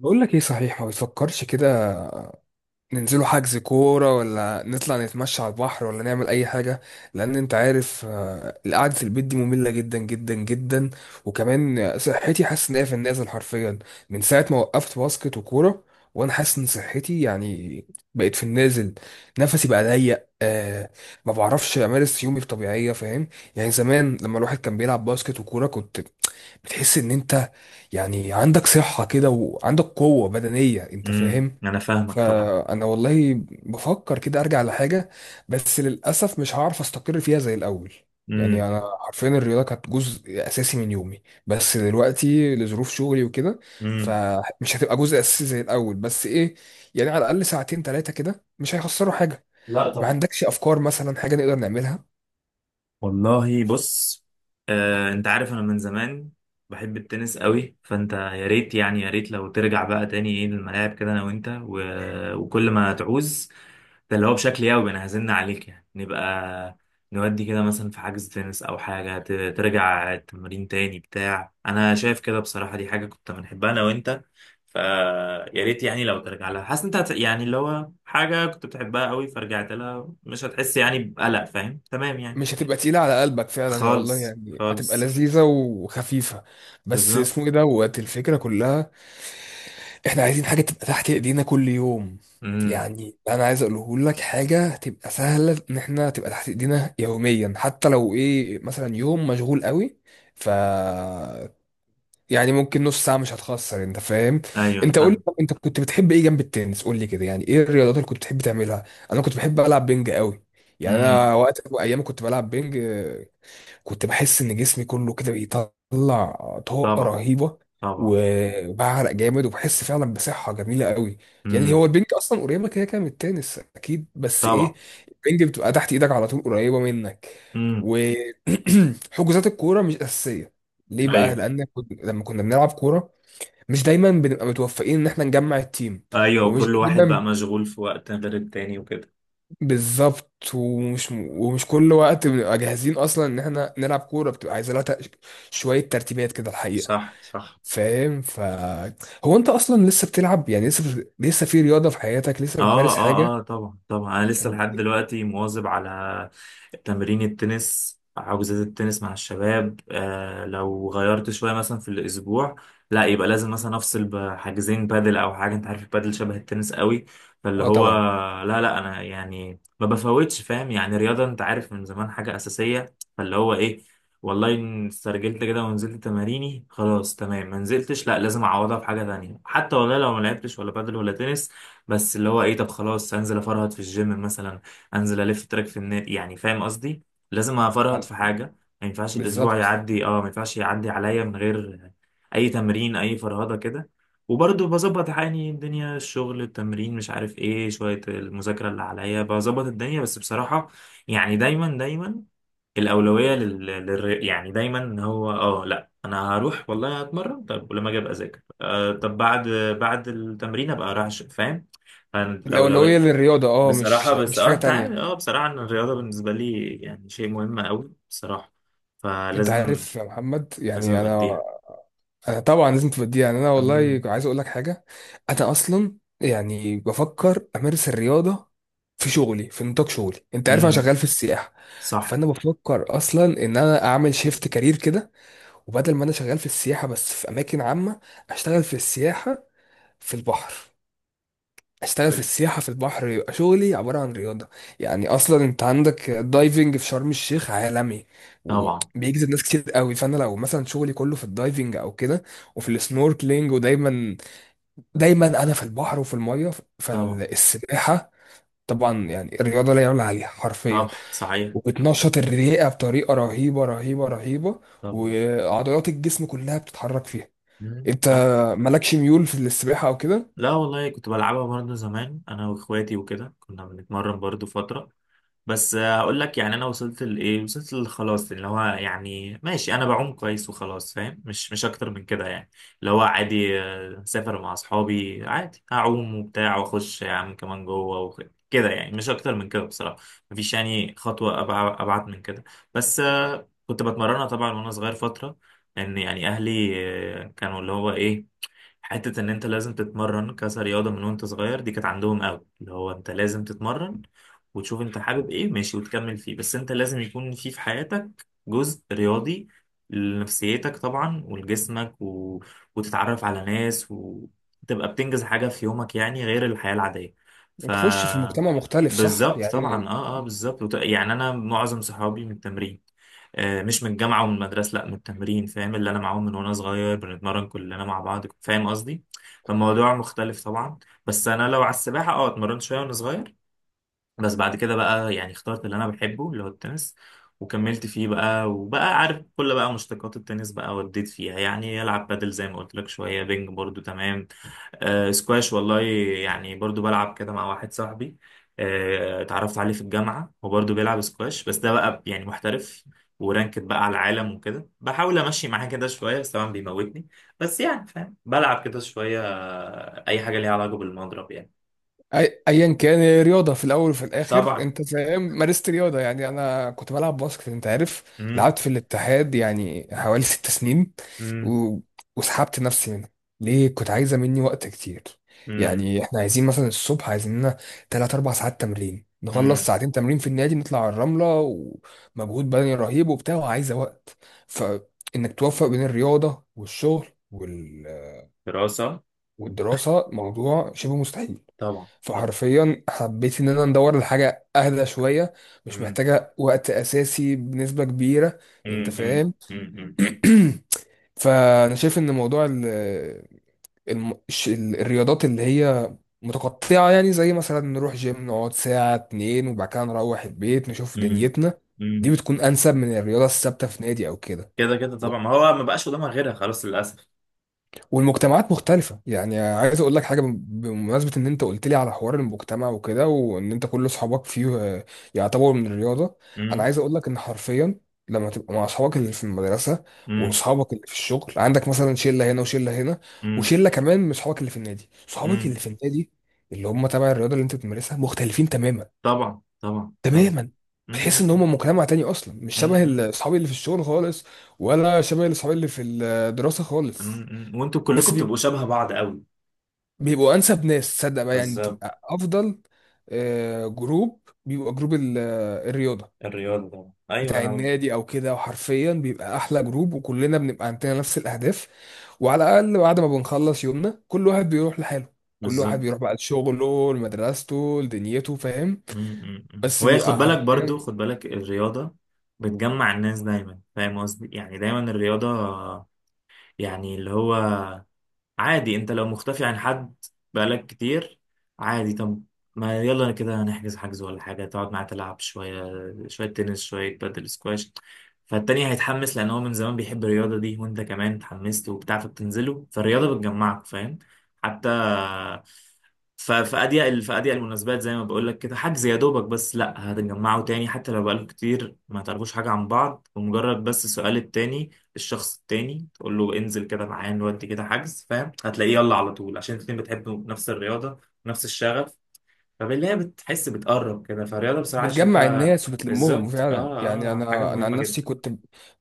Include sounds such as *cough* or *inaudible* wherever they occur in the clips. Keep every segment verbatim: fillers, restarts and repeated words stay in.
بقول لك ايه؟ صحيح، ما بتفكرش كده؟ ننزلوا حجز كورة، ولا نطلع نتمشى على البحر، ولا نعمل اي حاجة؟ لان انت عارف، آه، القعدة في البيت دي مملة جدا جدا جدا. وكمان آه، صحتي حاسس ان هي في النازل حرفيا، من ساعة ما وقفت باسكت وكورة. وانا حاسس ان صحتي يعني بقت في النازل. نفسي بقى ضيق، آه ما بعرفش امارس يومي بطبيعية، فاهم؟ يعني زمان لما الواحد كان بيلعب باسكت وكورة، كنت بتحس ان انت يعني عندك صحة كده، وعندك قوة بدنية، انت امم فاهم. انا فاهمك طبعا. فانا والله بفكر كده ارجع لحاجة، بس للأسف مش هعرف استقر فيها زي الأول. امم. يعني انا حرفيا الرياضة كانت جزء اساسي من يومي، بس دلوقتي لظروف شغلي وكده امم. فمش هتبقى جزء اساسي زي الأول، بس ايه؟ يعني على الأقل ساعتين ثلاثة كده مش هيخسروا حاجة. لا ما طبعا. عندكش افكار مثلا حاجة نقدر نعملها؟ والله بص، آه، انت عارف انا من زمان بحب التنس قوي، فانت يا ريت يعني يا ريت لو ترجع بقى تاني ايه للملاعب كده انا وانت و... وكل ما تعوز، ده اللي هو بشكل يومي. انا هزن عليك يعني نبقى نودي كده مثلا في حجز تنس او حاجة ت... ترجع التمرين تاني بتاع. انا شايف كده بصراحة، دي حاجة كنت بنحبها انا وانت، فيا ريت يعني لو ترجع لها. حاسس انت هت- يعني اللي هو حاجة كنت بتحبها قوي، فرجعت لها مش هتحس يعني بقلق. فاهم؟ تمام يعني. مش هتبقى تقيلة على قلبك فعلا، يا والله خالص يعني هتبقى خالص. لذيذة وخفيفة. بس بالظبط. اسمه ايه دوت الفكرة كلها، احنا عايزين حاجة تبقى تحت ايدينا كل يوم. امم. يعني انا عايز اقوله لك حاجة تبقى سهلة ان احنا تبقى تحت ايدينا يوميا، حتى لو ايه مثلا يوم مشغول قوي ف يعني ممكن نص ساعة مش هتخسر، انت فاهم. ايوه انا انت قول لي، فاهم. طب انت كنت بتحب ايه جنب التنس؟ قول لي كده يعني ايه الرياضات اللي كنت بتحب تعملها. انا كنت بحب العب بينج قوي، يعني امم. انا وقت ايام كنت بلعب بينج. كنت بحس ان جسمي كله كده بيطلع طاقه طبعا. رهيبه، طبعا. و- وبعرق جامد وبحس فعلا بصحه جميله قوي. يعني هو امم. البنج اصلا قريبه كده كده من التنس، اكيد، بس طبعا. ايه؟ البنج بتبقى تحت ايدك على طول، قريبه منك. امم. وحجوزات *clears throat* الكوره مش اساسيه. ليه بقى؟ ايوه لان كنت- لما كنا بنلعب كوره مش دايما بنبقى متوفقين ان احنا نجمع التيم. ايوه، ومش وكل واحد بقى دايما. مشغول في وقت غير التاني وكده. بالظبط، ومش ومش كل وقت بنبقى جاهزين اصلا ان احنا نلعب كوره، بتبقى عايزه لها تق- شويه ترتيبات كده الحقيقه. صح صح. فاهم؟ ف هو انت اصلا لسه بتلعب؟ يعني لسه لسه في رياضه في حياتك، لسه اه بتمارس حاجه؟ اه اه، طبعا طبعا. انا لسه لحد دلوقتي مواظب على تمرين التنس، حجوزات التنس مع الشباب. آه لو غيرت شويه مثلا في الاسبوع لا، يبقى لازم مثلا افصل بحاجزين بادل او حاجه. انت عارف البادل شبه التنس قوي، فاللي اه هو طبعا. لا لا انا يعني ما بفوتش. فاهم يعني رياضه انت عارف من زمان حاجه اساسيه، فاللي هو ايه والله إن استرجلت كده ونزلت تماريني خلاص تمام. ما نزلتش، لا لازم اعوضها بحاجه تانية، حتى والله لو ما لعبتش ولا بادل ولا تنس. بس اللي هو ايه، طب خلاص انزل افرهد في الجيم مثلا، انزل الف تراك في النادي. يعني فاهم قصدي، لازم افرهد في حاجه. ما ينفعش الاسبوع بالظبط، يعدي، اه ما ينفعش يعدي عليا من غير اي تمرين، اي فرهده كده. وبرضه بظبط حالي، الدنيا، الشغل، التمرين، مش عارف ايه، شويه المذاكره اللي عليا. بظبط الدنيا بس بصراحه يعني دايما دايما الأولوية لل... لل... يعني دايما إن هو اه لا، انا هروح والله هتمرن، طب ولما اجي ابقى اذاكر، آه طب بعد بعد التمرين ابقى اروح أش- فاهم؟ الاولويه فالأولوية للرياضه، اه، مش بصراحة، بس مش حاجه اه انت عارف، تانية. اه بصراحة ان الرياضة بالنسبة لي يعني شيء مهم قوي بصراحة، انت فلازم عارف يا محمد، لازم يعني ابقى انا اديها. آه، طبعا لازم تبدي. يعني انا والله امم. عايز اقول لك حاجه، انا اصلا يعني بفكر امارس الرياضه في شغلي، في نطاق شغلي. انت عارف انا امم. شغال في السياحه، صح. فانا بفكر اصلا ان انا اعمل شيفت كارير كده. وبدل ما انا شغال في السياحه بس في اماكن عامه، اشتغل في السياحه في البحر. اشتغل في طيب. السياحة في البحر يبقى شغلي عبارة عن رياضة. يعني اصلا انت عندك الدايفنج في شرم الشيخ عالمي، طبعا. وبيجذب ناس كتير قوي. فانا لو مثلا شغلي كله في الدايفنج او كده، وفي السنوركلينج، ودايما دايما انا في البحر وفي المية، طبعا. فالسباحة طبعا، يعني الرياضة لا يعلى عليها طبعا حرفيا. صحيح. وبتنشط الرئة بطريقة رهيبة رهيبة رهيبة، طبعا. وعضلات الجسم كلها بتتحرك فيها. مم. انت صح. مالكش ميول في السباحة او كده؟ لا والله كنت بلعبها برضه زمان انا واخواتي وكده، كنا بنتمرن برضه فترة. بس آه، هقول لك يعني انا وصلت لايه، وصلت لخلاص اللي هو يعني ماشي انا بعوم كويس وخلاص. فاهم؟ مش مش اكتر من كده يعني. اللي هو عادي، آه، سافر مع اصحابي عادي، هعوم وبتاع واخش يا عم كمان جوه وخ- كده يعني. مش اكتر من كده بصراحه، مفيش يعني خطوه أبع- ابعد من كده. بس آه، كنت بتمرنها طبعا وانا صغير فتره، ان يعني اهلي آه، كانوا اللي هو ايه، حتة إن أنت لازم تتمرن كرياضة من وأنت صغير. دي كانت عندهم أوي، اللي هو أنت لازم تتمرن وتشوف أنت حابب إيه، ماشي وتكمل فيه. بس أنت لازم يكون في في حياتك جزء رياضي لنفسيتك طبعا ولجسمك و... وتتعرف على ناس وتبقى بتنجز حاجة في يومك، يعني غير الحياة العادية. ف وتخش في المجتمع مختلف، صح بالظبط طبعا. يعني. اه اه بالظبط وت... يعني أنا معظم صحابي من التمرين، آه، مش من الجامعة ومن المدرسة، لا، من التمرين. فاهم؟ اللي أنا معاهم من وأنا صغير بنتمرن كلنا مع بعض. فاهم قصدي؟ فالموضوع مختلف طبعا. بس أنا لو على السباحة أه اتمرنت شوية وأنا صغير، بس بعد كده بقى يعني اخترت اللي أنا بحبه، اللي هو التنس، وكملت فيه بقى. وبقى عارف كل بقى مشتقات التنس بقى، وديت فيها. يعني ألعب بادل زي ما قلت لك، شوية بينج برضو، تمام، آه سكواش والله، يعني برضو بلعب كده مع واحد صاحبي. آه اتعرفت عليه في الجامعة، هو برضو بيلعب سكواش بس ده بقى يعني محترف، ورانكد بقى على العالم وكده، بحاول امشي معاه كده شوية بس طبعا بيموتني. بس يعني فاهم بلعب كده شوية، آه، اي حاجة ليها علاقة بالمضرب يعني. أي- ايا كان هي رياضه في الاول وفي الاخر، طبعا. انت فاهم، مارست رياضه. يعني انا كنت بلعب باسكت، انت عارف، امم. لعبت في الاتحاد يعني حوالي ست سنين امم. و... وسحبت نفسي منه. ليه؟ كنت عايزه مني وقت كتير. امم يعني احنا عايزين مثلا الصبح، عايزين لنا ثلاث أربع ساعات تمرين، نخلص امم. ساعتين تمرين في النادي، نطلع على الرمله، ومجهود بدني رهيب وبتاع وعايزه وقت. فانك توفق بين الرياضه والشغل وال... دراسة. والدراسه موضوع شبه مستحيل. طبعا طبعا. فحرفيا حبيت ان انا ندور لحاجه اهدى شويه، مش امم. محتاجه وقت اساسي بنسبه كبيره، انت امم. امم فاهم. امم. امم. *clears throat* فانا شايف ان موضوع ال الم- الش- ال- الرياضات اللي هي متقطعه، يعني زي مثلا نروح جيم نقعد ساعه اتنين وبعد كده نروح البيت نشوف امم. دنيتنا، دي أمم. بتكون انسب من الرياضه الثابته في نادي او كده. كده كده طبعا، ما هو ما بقاش قدامها غيرها خلاص للأسف. والمجتمعات مختلفة، يعني عايز اقول لك حاجة، بم- بمناسبة ان انت قلت لي على حوار المجتمع وكده، وان انت كل اصحابك فيه آه، يعتبروا من الرياضة. انا عايز اقول لك ان حرفيا لما تبقى مع اصحابك اللي في المدرسة، امم. واصحابك اللي في الشغل، عندك مثلا شلة هنا وشلة هنا، مم. وشلة كمان من اصحابك اللي في النادي. اصحابك مم. اللي في النادي، اللي هم تبع الرياضة اللي انت بتمارسها، مختلفين تماما طبعا طبعا طبعا. تماما. بتحس مم. ان مم. هم مجتمع تاني اصلا، مش مم. شبه اصحابي اللي في الشغل خالص، ولا شبه اصحابي اللي في الدراسة خالص. مم. مم. وانتوا كلكم بس بتبقوا شبه بعض قوي. بيبقوا انسب ناس، تصدق بقى يعني بالظبط. تبقى افضل آه، جروب بيبقى جروب ال- آه، الرياضه الرياضه طبعا، ايوه بتاع انا. النادي او كده. وحرفيا بيبقى احلى جروب، وكلنا بنبقى عندنا نفس الاهداف. وعلى الاقل بعد ما بنخلص يومنا كل واحد بيروح لحاله، كل واحد بالظبط. بيروح بقى لشغله، لمدرسته، لدنيته، فاهم. مم. مم. مم. بس وهي خد بيبقى بالك برضو، حرفيا خد بالك الرياضه بتجمع الناس دايما. فاهم قصدي؟ يعني دايما الرياضه يعني اللي هو عادي، انت لو مختفي عن حد بقالك كتير عادي، طب ما يلا انا كده هنحجز حجز ولا حاجة، تقعد معاه تلعب شوية، شوية تنس شوية بادل سكواش، فالتاني هيتحمس لأن هو من زمان بيحب الرياضة دي، وانت كمان اتحمست وبتاع فبتنزله. فالرياضة بتجمعك. فاهم؟ حتى ف- في أضيق في أضيق المناسبات، زي ما بقول لك كده حجز يا دوبك، بس لا هتجمعوا تاني حتى لو بقالكوا كتير ما تعرفوش حاجة عن بعض. ومجرد بس سؤال التاني، الشخص التاني تقول له انزل كده معايا نودي كده حجز. فاهم؟ هتلاقيه يلا على طول عشان الاتنين بتحبوا نفس الرياضة ونفس الشغف. فبالله بتحس بتقرب كده، فالرياضة بصراحة بتجمع شايفها. الناس وبتلمهم بالظبط فعلا. اه. يعني اه حاجة انا انا مهمة عن نفسي جدا. كنت،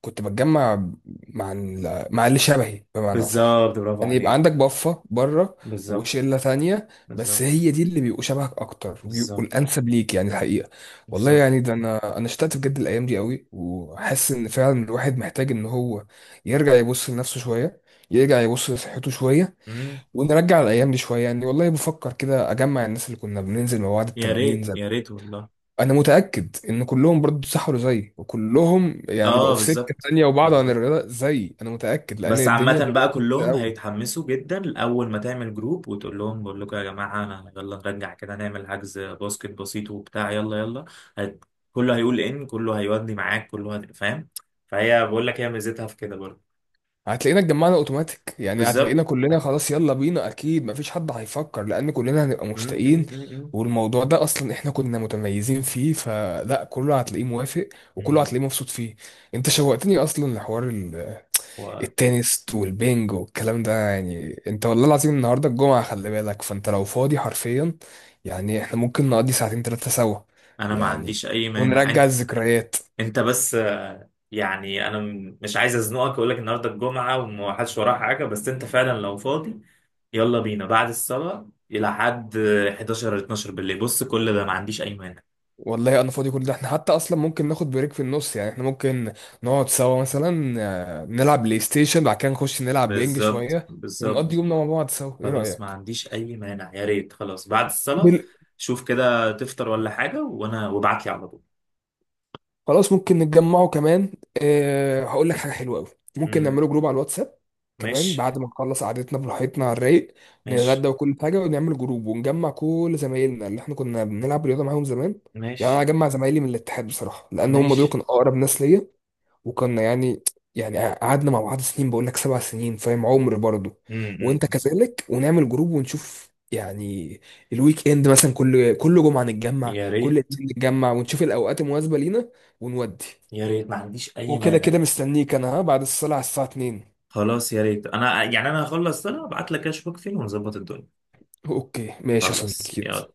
كنت بتجمع مع ال- مع اللي شبهي بمعنى اصح. بالظبط، برافو يعني يبقى عندك عليك. بفه بره بالظبط. وشله ثانيه، بس بالظبط. هي دي اللي بيبقوا شبهك اكتر، وبيبقوا بالظبط. الانسب ليك يعني الحقيقه. والله بالظبط. يعني ده انا انا اشتقت بجد الايام دي قوي، وحاسس ان فعلا الواحد محتاج ان هو يرجع يبص لنفسه شويه، يرجع يبص لصحته شويه، مم. ونرجع الايام دي شويه. يعني والله بفكر كده اجمع الناس اللي كنا بننزل مع بعض يا التمرين. ريت يا ريت والله. انا متاكد ان كلهم برضه سحروا زي وكلهم يعني بقوا اه في سكه بالظبط. تانية، وبعض عن بالظبط. الرياضه زي اي. انا متاكد لان بس الدنيا عامة بقى دلوقتي زي كلهم قوي. هيتحمسوا جدا أول ما تعمل جروب وتقول لهم، بقول لكم يا جماعة، أنا يلا نرجع كده نعمل حجز باسكت بسيط وبتاع يلا يلا هت... كله هيقول إن كله هيودي معاك، كله هت... فاهم؟ فهي بقول لك هي ميزتها في كده برضه. هتلاقينا اتجمعنا اوتوماتيك، يعني هتلاقينا بالظبط. كلنا خلاص يلا بينا، اكيد مفيش حد هيفكر، لان كلنا هنبقى م- مشتاقين. م- م- والموضوع ده اصلا احنا كنا متميزين فيه، فلا كله هتلاقيه موافق، م- وكله م. هتلاقيه مبسوط فيه. انت شوقتني اصلا لحوار وأنا التنس والبينجو والكلام ده. يعني انت والله العظيم النهارده الجمعة، خلي بالك، فانت لو فاضي حرفيا يعني احنا ممكن نقضي ساعتين تلاتة سوا، ما يعني عنديش أي مانع. ونرجع أنت الذكريات. أنت بس آه، يعني أنا م- مش عايز أزنقك، أقول لك النهاردة الجمعة وما حدش وراه حاجة، بس أنت فعلا لو فاضي يلا بينا بعد الصلاة لحد احداشر ولا اثنا عشر بالليل، بص كل ده ما عنديش أي مانع. والله انا فاضي كل ده، احنا حتى اصلا ممكن ناخد بريك في النص. يعني احنا ممكن نقعد سوا مثلا، آه، نلعب بلاي ستيشن، بعد كده نخش نلعب بينج بالظبط. شوية، ونقضي بالظبط. يومنا مع بعض سوا. ايه خلاص ما رأيك؟ عنديش أي مانع، يا ريت، خلاص بعد الصلاة. بال- شوف كده تفطر ولا حاجة وأنا، وابعت لي على طول. خلاص ممكن نتجمعوا كمان. أه هقول لك حاجة حلوة قوي، ممكن امم. نعمله جروب على الواتساب كمان، ماشي. بعد ما نخلص قعدتنا براحتنا على الرايق، ماشي. نتغدى وكل حاجة، ونعمل جروب ونجمع كل زمايلنا اللي احنا كنا بنلعب رياضة معاهم زمان. يعني انا ماشي اجمع زمايلي من الاتحاد بصراحة، لان هم دول ماشي. كانوا اقرب ناس ليا، وكنا يعني، يعني قعدنا مع بعض سنين، بقول لك سبع سنين، فاهم، عمر برضه. امم. وانت كذلك. ونعمل جروب ونشوف يعني الويك اند مثلا، كل كل جمعة نتجمع، يا كل ريت اتنين نتجمع، ونشوف الاوقات المناسبة لينا ونودي. يا ريت، ما عنديش أي وكده مانع. كده مستنيك انا، ها، بعد الصلاة على الساعة اتنين. خلاص يا ريت، أنا يعني أنا هخلص صلاة ابعت لك أشوفك فين ونظبط الدنيا. اوكي ماشي يا خلاص صديقي. يلا.